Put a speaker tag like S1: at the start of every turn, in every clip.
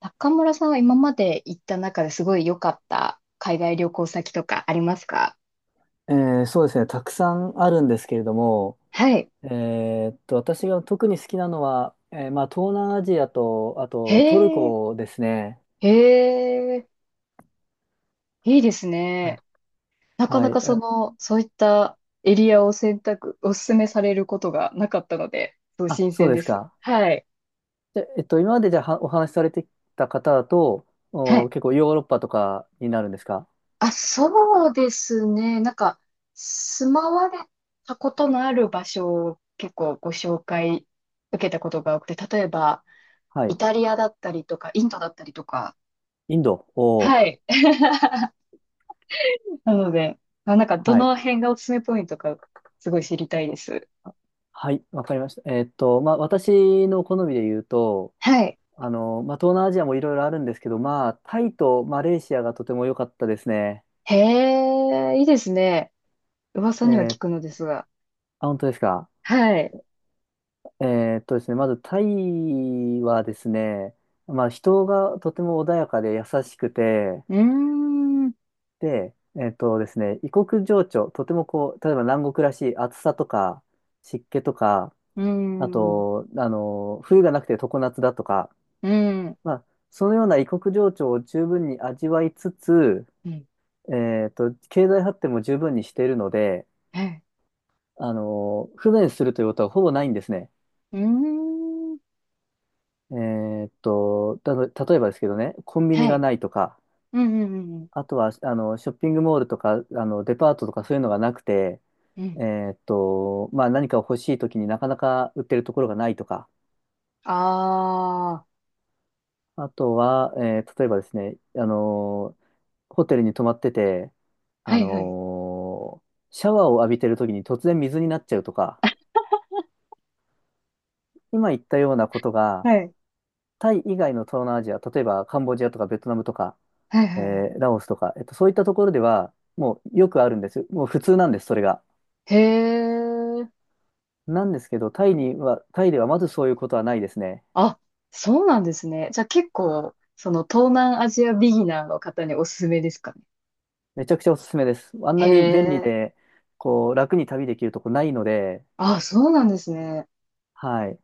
S1: 中村さんは今まで行った中ですごい良かった海外旅行先とかありますか？
S2: えそうですね、たくさんあるんですけれども、
S1: はい。
S2: え私が特に好きなのは、まあ、東南アジアと、あ
S1: へ
S2: とトル
S1: え、
S2: コですね。
S1: へえ、いいですね。なか
S2: は
S1: な
S2: い
S1: か
S2: はい。
S1: そういったエリアを選択、お勧めされることがなかったので、すごい
S2: あ、あ
S1: 新
S2: そう
S1: 鮮
S2: で
S1: で
S2: す
S1: す。
S2: か。
S1: はい。
S2: で、今までじゃあはお話しされてきた方だと、
S1: は
S2: お、
S1: い。
S2: 結構ヨーロッパとかになるんですか？
S1: あ、そうですね。住まわれたことのある場所を結構ご紹介受けたことが多くて、例えば、
S2: は
S1: イ
S2: い。
S1: タリアだったりとか、インドだったりとか、
S2: インド。お
S1: は
S2: ー
S1: い。なので、ど
S2: はい。
S1: の辺がおすすめポイントか、すごい知りたいです。
S2: はい、わかりました。まあ、私の好みで言うと、
S1: はい。
S2: まあ、東南アジアもいろいろあるんですけど、まあ、タイとマレーシアがとても良かったですね。
S1: へえ、いいですね。噂には聞
S2: え
S1: くのですが。
S2: あ、本当ですか。
S1: はい。
S2: えですね、まずタイはですね、まあ人がとても穏やかで優しくて、
S1: うーん、う
S2: で、ですね、異国情緒、とてもこう、例えば南国らしい暑さとか湿気とか、
S1: ー
S2: あ
S1: ん、う
S2: と、冬がなくて常夏だとか、
S1: ーん、
S2: まあ、そのような異国情緒を十分に味わいつつ、
S1: うん、
S2: え経済発展も十分にしているので、
S1: はい。
S2: 不便するということはほぼないんですね。
S1: うーん、
S2: 例えばですけどね、コンビニ
S1: は
S2: が
S1: い。
S2: ないとか、
S1: うん、うん、うん、
S2: あとは、ショッピングモールとか、デパートとかそういうのがなくて、
S1: うん。う
S2: え
S1: ん、
S2: まあ、何かを欲しいときになかなか売ってるところがないとか、
S1: あー、
S2: あとは、例えばですね、ホテルに泊まってて、あ
S1: はい、はい。
S2: の、シャワーを浴びてるときに突然水になっちゃうとか、今言ったようなことが、
S1: はい。
S2: タイ以外の東南アジア、例えばカンボジアとかベトナムとか、
S1: はい、は
S2: え
S1: い、はい。
S2: ラオスとか、そういったところでは、もうよくあるんですよ。もう普通なんです、それが。
S1: へえ、
S2: なんですけど、タイではまずそういうことはないですね。
S1: あ、そうなんですね。じゃあ結構、その東南アジアビギナーの方におすすめですかね？
S2: めちゃくちゃおすすめです。あん
S1: へ
S2: なに便利
S1: え。
S2: で、こう、楽に旅できるとこないので、
S1: あ、そうなんですね。
S2: はい。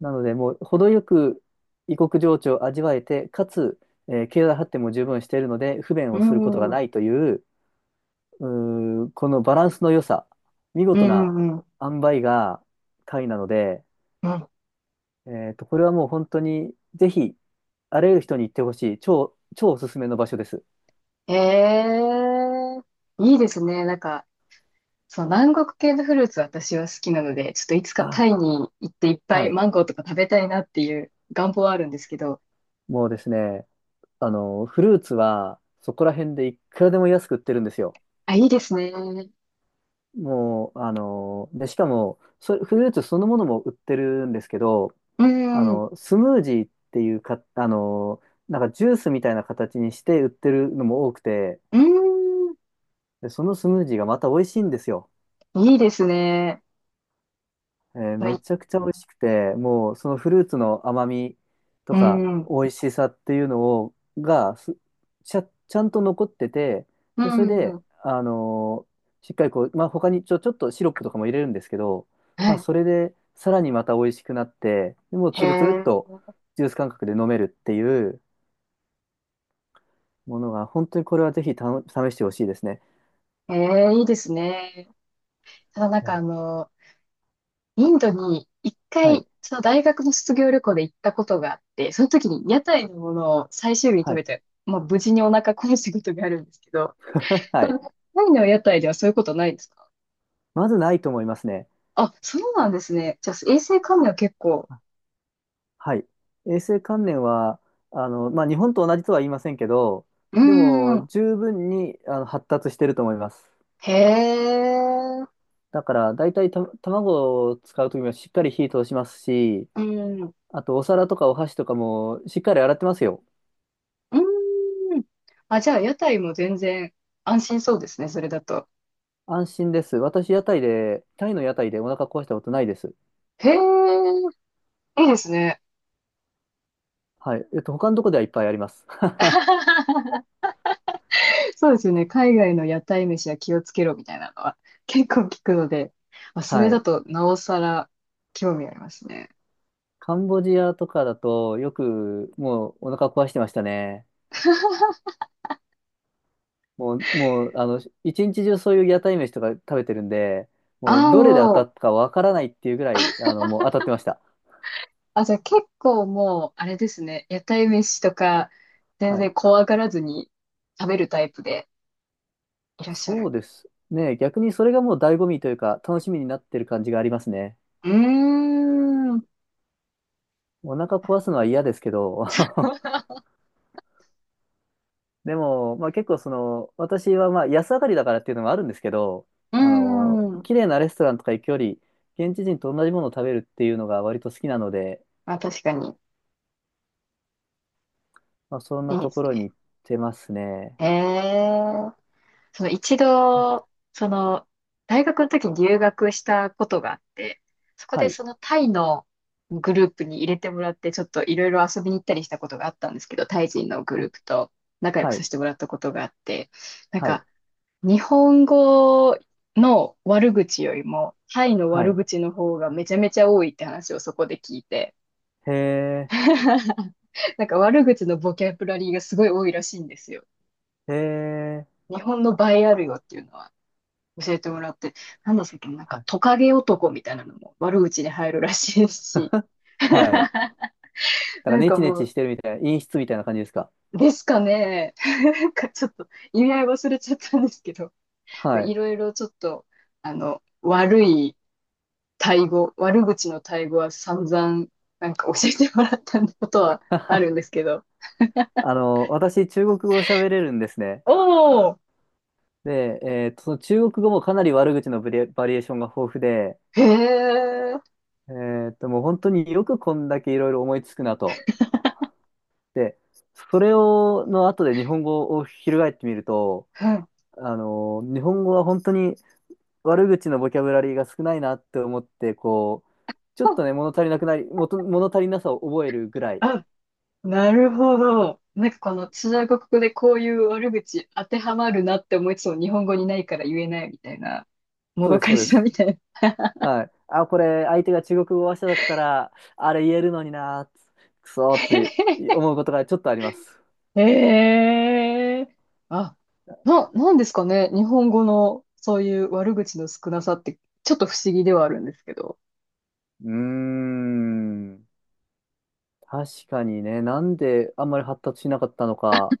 S2: なので、もう、程よく異国情緒を味わえて、かつ、経済発展も十分しているので、不便
S1: う
S2: をすること
S1: ん。
S2: が
S1: うん
S2: ないという、このバランスの良さ、見
S1: う
S2: 事な
S1: んうん。
S2: 塩梅がタイなので、
S1: うん。
S2: これはもう本当に、ぜひ、あらゆる人に行ってほしい、超、超おすすめの場所です。
S1: へえ。いいですね。そう、南国系のフルーツ私は好きなので、ちょっといつかタ
S2: あ、
S1: イに行っていっぱ
S2: は
S1: い
S2: い。
S1: マンゴーとか食べたいなっていう願望はあるんですけど。
S2: もうですね、フルーツは、そこら辺でいくらでも安く売ってるんですよ。
S1: あ、いいですね。
S2: もう、で、しかも、フルーツそのものも売ってるんですけど、
S1: うん。
S2: スムージーっていうか、なんかジュースみたいな形にして売ってるのも多くて、
S1: うん。
S2: で、そのスムージーがまた美味しいんですよ。
S1: いいですね。は
S2: め
S1: い。
S2: ちゃくちゃ美味しくて、もうそのフルーツの甘みと
S1: う
S2: か
S1: ん。
S2: 美味しさっていうのを、がすちゃ、ちゃんと残ってて、
S1: う
S2: で、それで、
S1: ん。
S2: しっかりこう、まあ、他にちょっとシロップとかも入れるんですけど、
S1: は
S2: まあ、
S1: い。
S2: それでさらにまた美味しくなって、でもう
S1: へ
S2: つるつるっ
S1: え。
S2: とジュース感覚で飲めるっていうものが、本当にこれはぜひ試してほしいですね。
S1: へえ、いいですね。ただ
S2: うん
S1: インドに一
S2: は
S1: 回、
S2: い。
S1: その大学の卒業旅行で行ったことがあって、その時に屋台のものを最終日に食
S2: はい。
S1: べて、まあ無事にお腹壊したことがあるんですけど、
S2: は
S1: そ
S2: い。
S1: のタイの屋台ではそういうことないですか？
S2: まずないと思いますね。
S1: あ、そうなんですね。じゃあ衛生管理は結構、
S2: はい。衛生観念は、まあ、日本と同じとは言いませんけど、
S1: うー
S2: でも、
S1: ん、
S2: 十分に、発達してると思います。
S1: へえ、
S2: だから、大体、卵を使うときはしっかり火通しますし、
S1: うん、う
S2: あと、お皿とかお箸とかもしっかり洗ってますよ。
S1: ーん。あ、じゃあ屋台も全然安心そうですね、それだと。
S2: 安心です。私、屋台で、タイの屋台でお腹壊したことないです。
S1: へえ、いいですね。
S2: はい。他のとこではいっぱいあります。
S1: そうですよね。海外の屋台飯は気をつけろみたいなのは結構聞くので、まあ、それ
S2: は
S1: だ
S2: い。
S1: となおさら興味ありますね。
S2: カンボジアとかだと、よく、もう、お腹壊してましたね。もう、一日中そういう屋台飯とか食べてるんで、も
S1: あ
S2: う、
S1: あ、
S2: どれで当
S1: も
S2: た
S1: う、
S2: ったかわからないっていうぐらい、もう当たってました。
S1: あ、じゃあ結構もう、あれですね。屋台飯とか、全
S2: はい。
S1: 然怖がらずに食べるタイプでいらっしゃ
S2: そ
S1: る。
S2: うです、ね、逆にそれがもう醍醐味というか、楽しみになってる感じがありますね。
S1: うーん、う
S2: お腹壊すのは嫌ですけど、でも、まあ結構その、私はまあ安上がりだからっていうのもあるんですけど、
S1: ーん。
S2: 綺麗なレストランとか行くより、現地人と同じものを食べるっていうのが割と好きなので、
S1: まあ、確かに。
S2: まあそん
S1: い
S2: な
S1: いで
S2: と
S1: す
S2: ころに
S1: ね。
S2: 行ってますね。
S1: ええ、その一
S2: あ
S1: 度、その、大学の時に留学したことがあって、そこ
S2: は
S1: で
S2: い。
S1: そのタイのグループに入れてもらって、ちょっといろいろ遊びに行ったりしたことがあったんですけど、タイ人のグ
S2: は
S1: ル
S2: い。
S1: ープと仲良く
S2: は
S1: さ
S2: い
S1: せてもらったことがあって、なん
S2: はい。
S1: か、日本語の悪口よりも、タイの
S2: は
S1: 悪
S2: い。
S1: 口の方がめちゃめちゃ多いって話をそこで聞いて、
S2: へえ、
S1: なんか悪口のボキャブラリーがすごい多いらしいんですよ。
S2: へえ、
S1: 日本の倍あるよっていうのは。教えてもらって、なんだっけ、なん
S2: は
S1: かト
S2: い。
S1: カゲ男みたいなのも悪口に入るらしいし、
S2: は い。だから
S1: なん
S2: ネ
S1: か
S2: チネ
S1: も
S2: チ
S1: う、
S2: してるみたいな、陰湿みたいな感じですか？
S1: ですかね、なんかちょっと意味合い忘れちゃったんですけど、
S2: は
S1: い
S2: い。
S1: ろいろちょっと、あの、悪い悪口の対語は散々、なんか教えてもらったことはあるんで すけど、
S2: 私、中国語を喋れるんですね。
S1: おー、
S2: で、その中国語もかなり悪口のブレバリエーションが豊富で、
S1: へー、
S2: もう本当によくこんだけいろいろ思いつくなと。で、それを、の後で日本語を翻ってみると、
S1: うん、
S2: 日本語は本当に悪口のボキャブラリーが少ないなって思って、こう、ちょっとね、物足りなくなり、物足りなさを覚えるぐらい。
S1: あ、なるほど。なんかこの中国語でこういう悪口当てはまるなって思いつつも日本語にないから言えないみたいな、も
S2: そう
S1: ど
S2: です、
S1: か
S2: そ
S1: し
S2: うで
S1: さ
S2: す。
S1: みたいな。
S2: はい。あ、これ、相手が中国語話者だったら、あれ言えるのにな、くそーって 思うことがちょっとあります。
S1: ええ、あ、なんですかね。日本語のそういう悪口の少なさって、ちょっと不思議ではあるんですけど。
S2: うーん。確かにね、なんであんまり発達しなかったのか、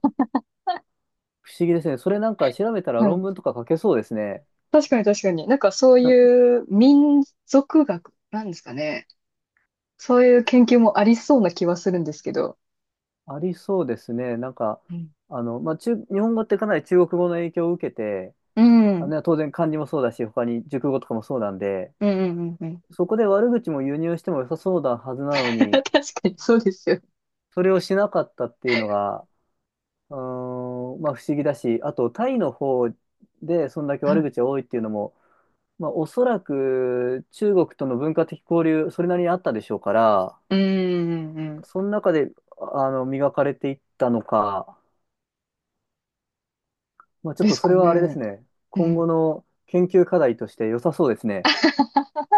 S2: 不思議ですね。それなんか調べたら
S1: う
S2: 論
S1: ん。
S2: 文とか書けそうですね。
S1: 確かに確かに。なんかそう
S2: な
S1: いう民族学なんですかね。そういう研究もありそうな気はするんですけど。
S2: ありそうですね。なんか、
S1: うん。
S2: まあ、日本語ってかなり中国語の影響を受けて、
S1: うん。
S2: あ
S1: うん
S2: のね当然漢字もそうだし、他に熟語とかもそうなんで、
S1: うんうんうん。
S2: そこで悪口も輸入しても良さそうなはずなの
S1: 確
S2: に、
S1: かにそうですよ。
S2: それをしなかったっていうのが、うーん、まあ不思議だし、あとタイの方でそんだけ
S1: は
S2: 悪
S1: い。
S2: 口が多いっていうのも、まあおそらく中国との文化的交流、それなりにあったでしょうから、
S1: うんうんうん、
S2: その中で、磨かれていったのか、まあちょっ
S1: で
S2: と
S1: す
S2: そ
S1: か
S2: れはあれです
S1: ね。
S2: ね、
S1: う
S2: 今後
S1: ん。
S2: の研究課題として良さそうですね。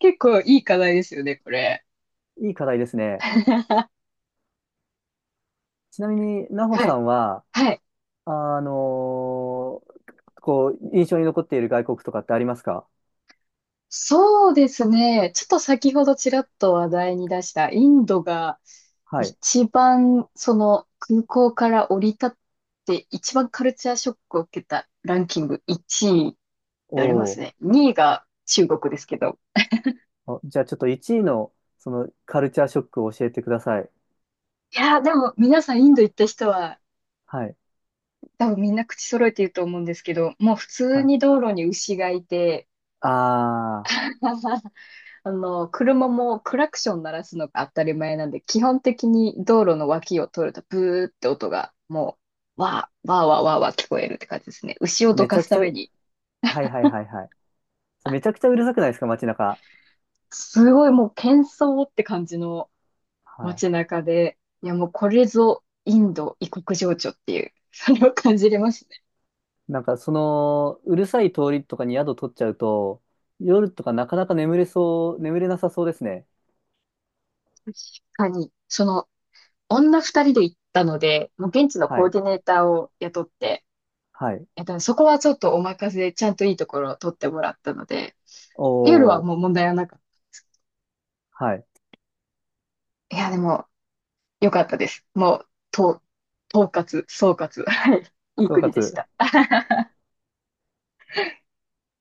S1: 結構いい課題ですよね、これ。
S2: いい課題ですね。ちなみに、なほ
S1: は
S2: さ
S1: い。
S2: んは、
S1: はい。
S2: あのーこう、印象に残っている外国とかってありますか？
S1: そうですね。ちょっと先ほどちらっと話題に出したインドが
S2: はい。
S1: 一番その空港から降り立って一番カルチャーショックを受けたランキング1位でありま
S2: お
S1: すね。
S2: ー。
S1: 2位が中国ですけど。
S2: あ、じゃあちょっと1位の、その、カルチャーショックを教えてください。
S1: いやーでも皆さんインド行った人は
S2: はい。
S1: 多分みんな口揃えて言うと思うんですけど、もう普通
S2: はい。
S1: に道路に牛がいて、
S2: あ
S1: あの、車もクラクション鳴らすのが当たり前なんで、基本的に道路の脇を通るとブーって音がもう、わー、わーわーわーわー聞こえるって感じですね。牛を
S2: ー、
S1: ど
S2: めち
S1: か
S2: ゃ
S1: す
S2: く
S1: た
S2: ちゃ、
S1: めに。
S2: はいはいはいはい。それめちゃくちゃうるさくないですか、街中。
S1: すごいもう喧騒って感じの
S2: は
S1: 街中で、いやもうこれぞインド異国情緒っていう、それを感じれますね。
S2: い。なんか、その、うるさい通りとかに宿取っちゃうと、夜とかなかなか眠れなさそうですね。
S1: 確かに、その女二人で行ったので、もう現地の
S2: は
S1: コー
S2: い。
S1: ディネーターを雇って、
S2: はい。
S1: えっとね、そこはちょっとお任せでちゃんといいところを取ってもらったので、夜は
S2: おー。
S1: もう問題はなかっ
S2: はい。
S1: た。いや、でも、良かったです。もう、と、総括。はい。いい
S2: 総
S1: 国でし
S2: 括。
S1: た。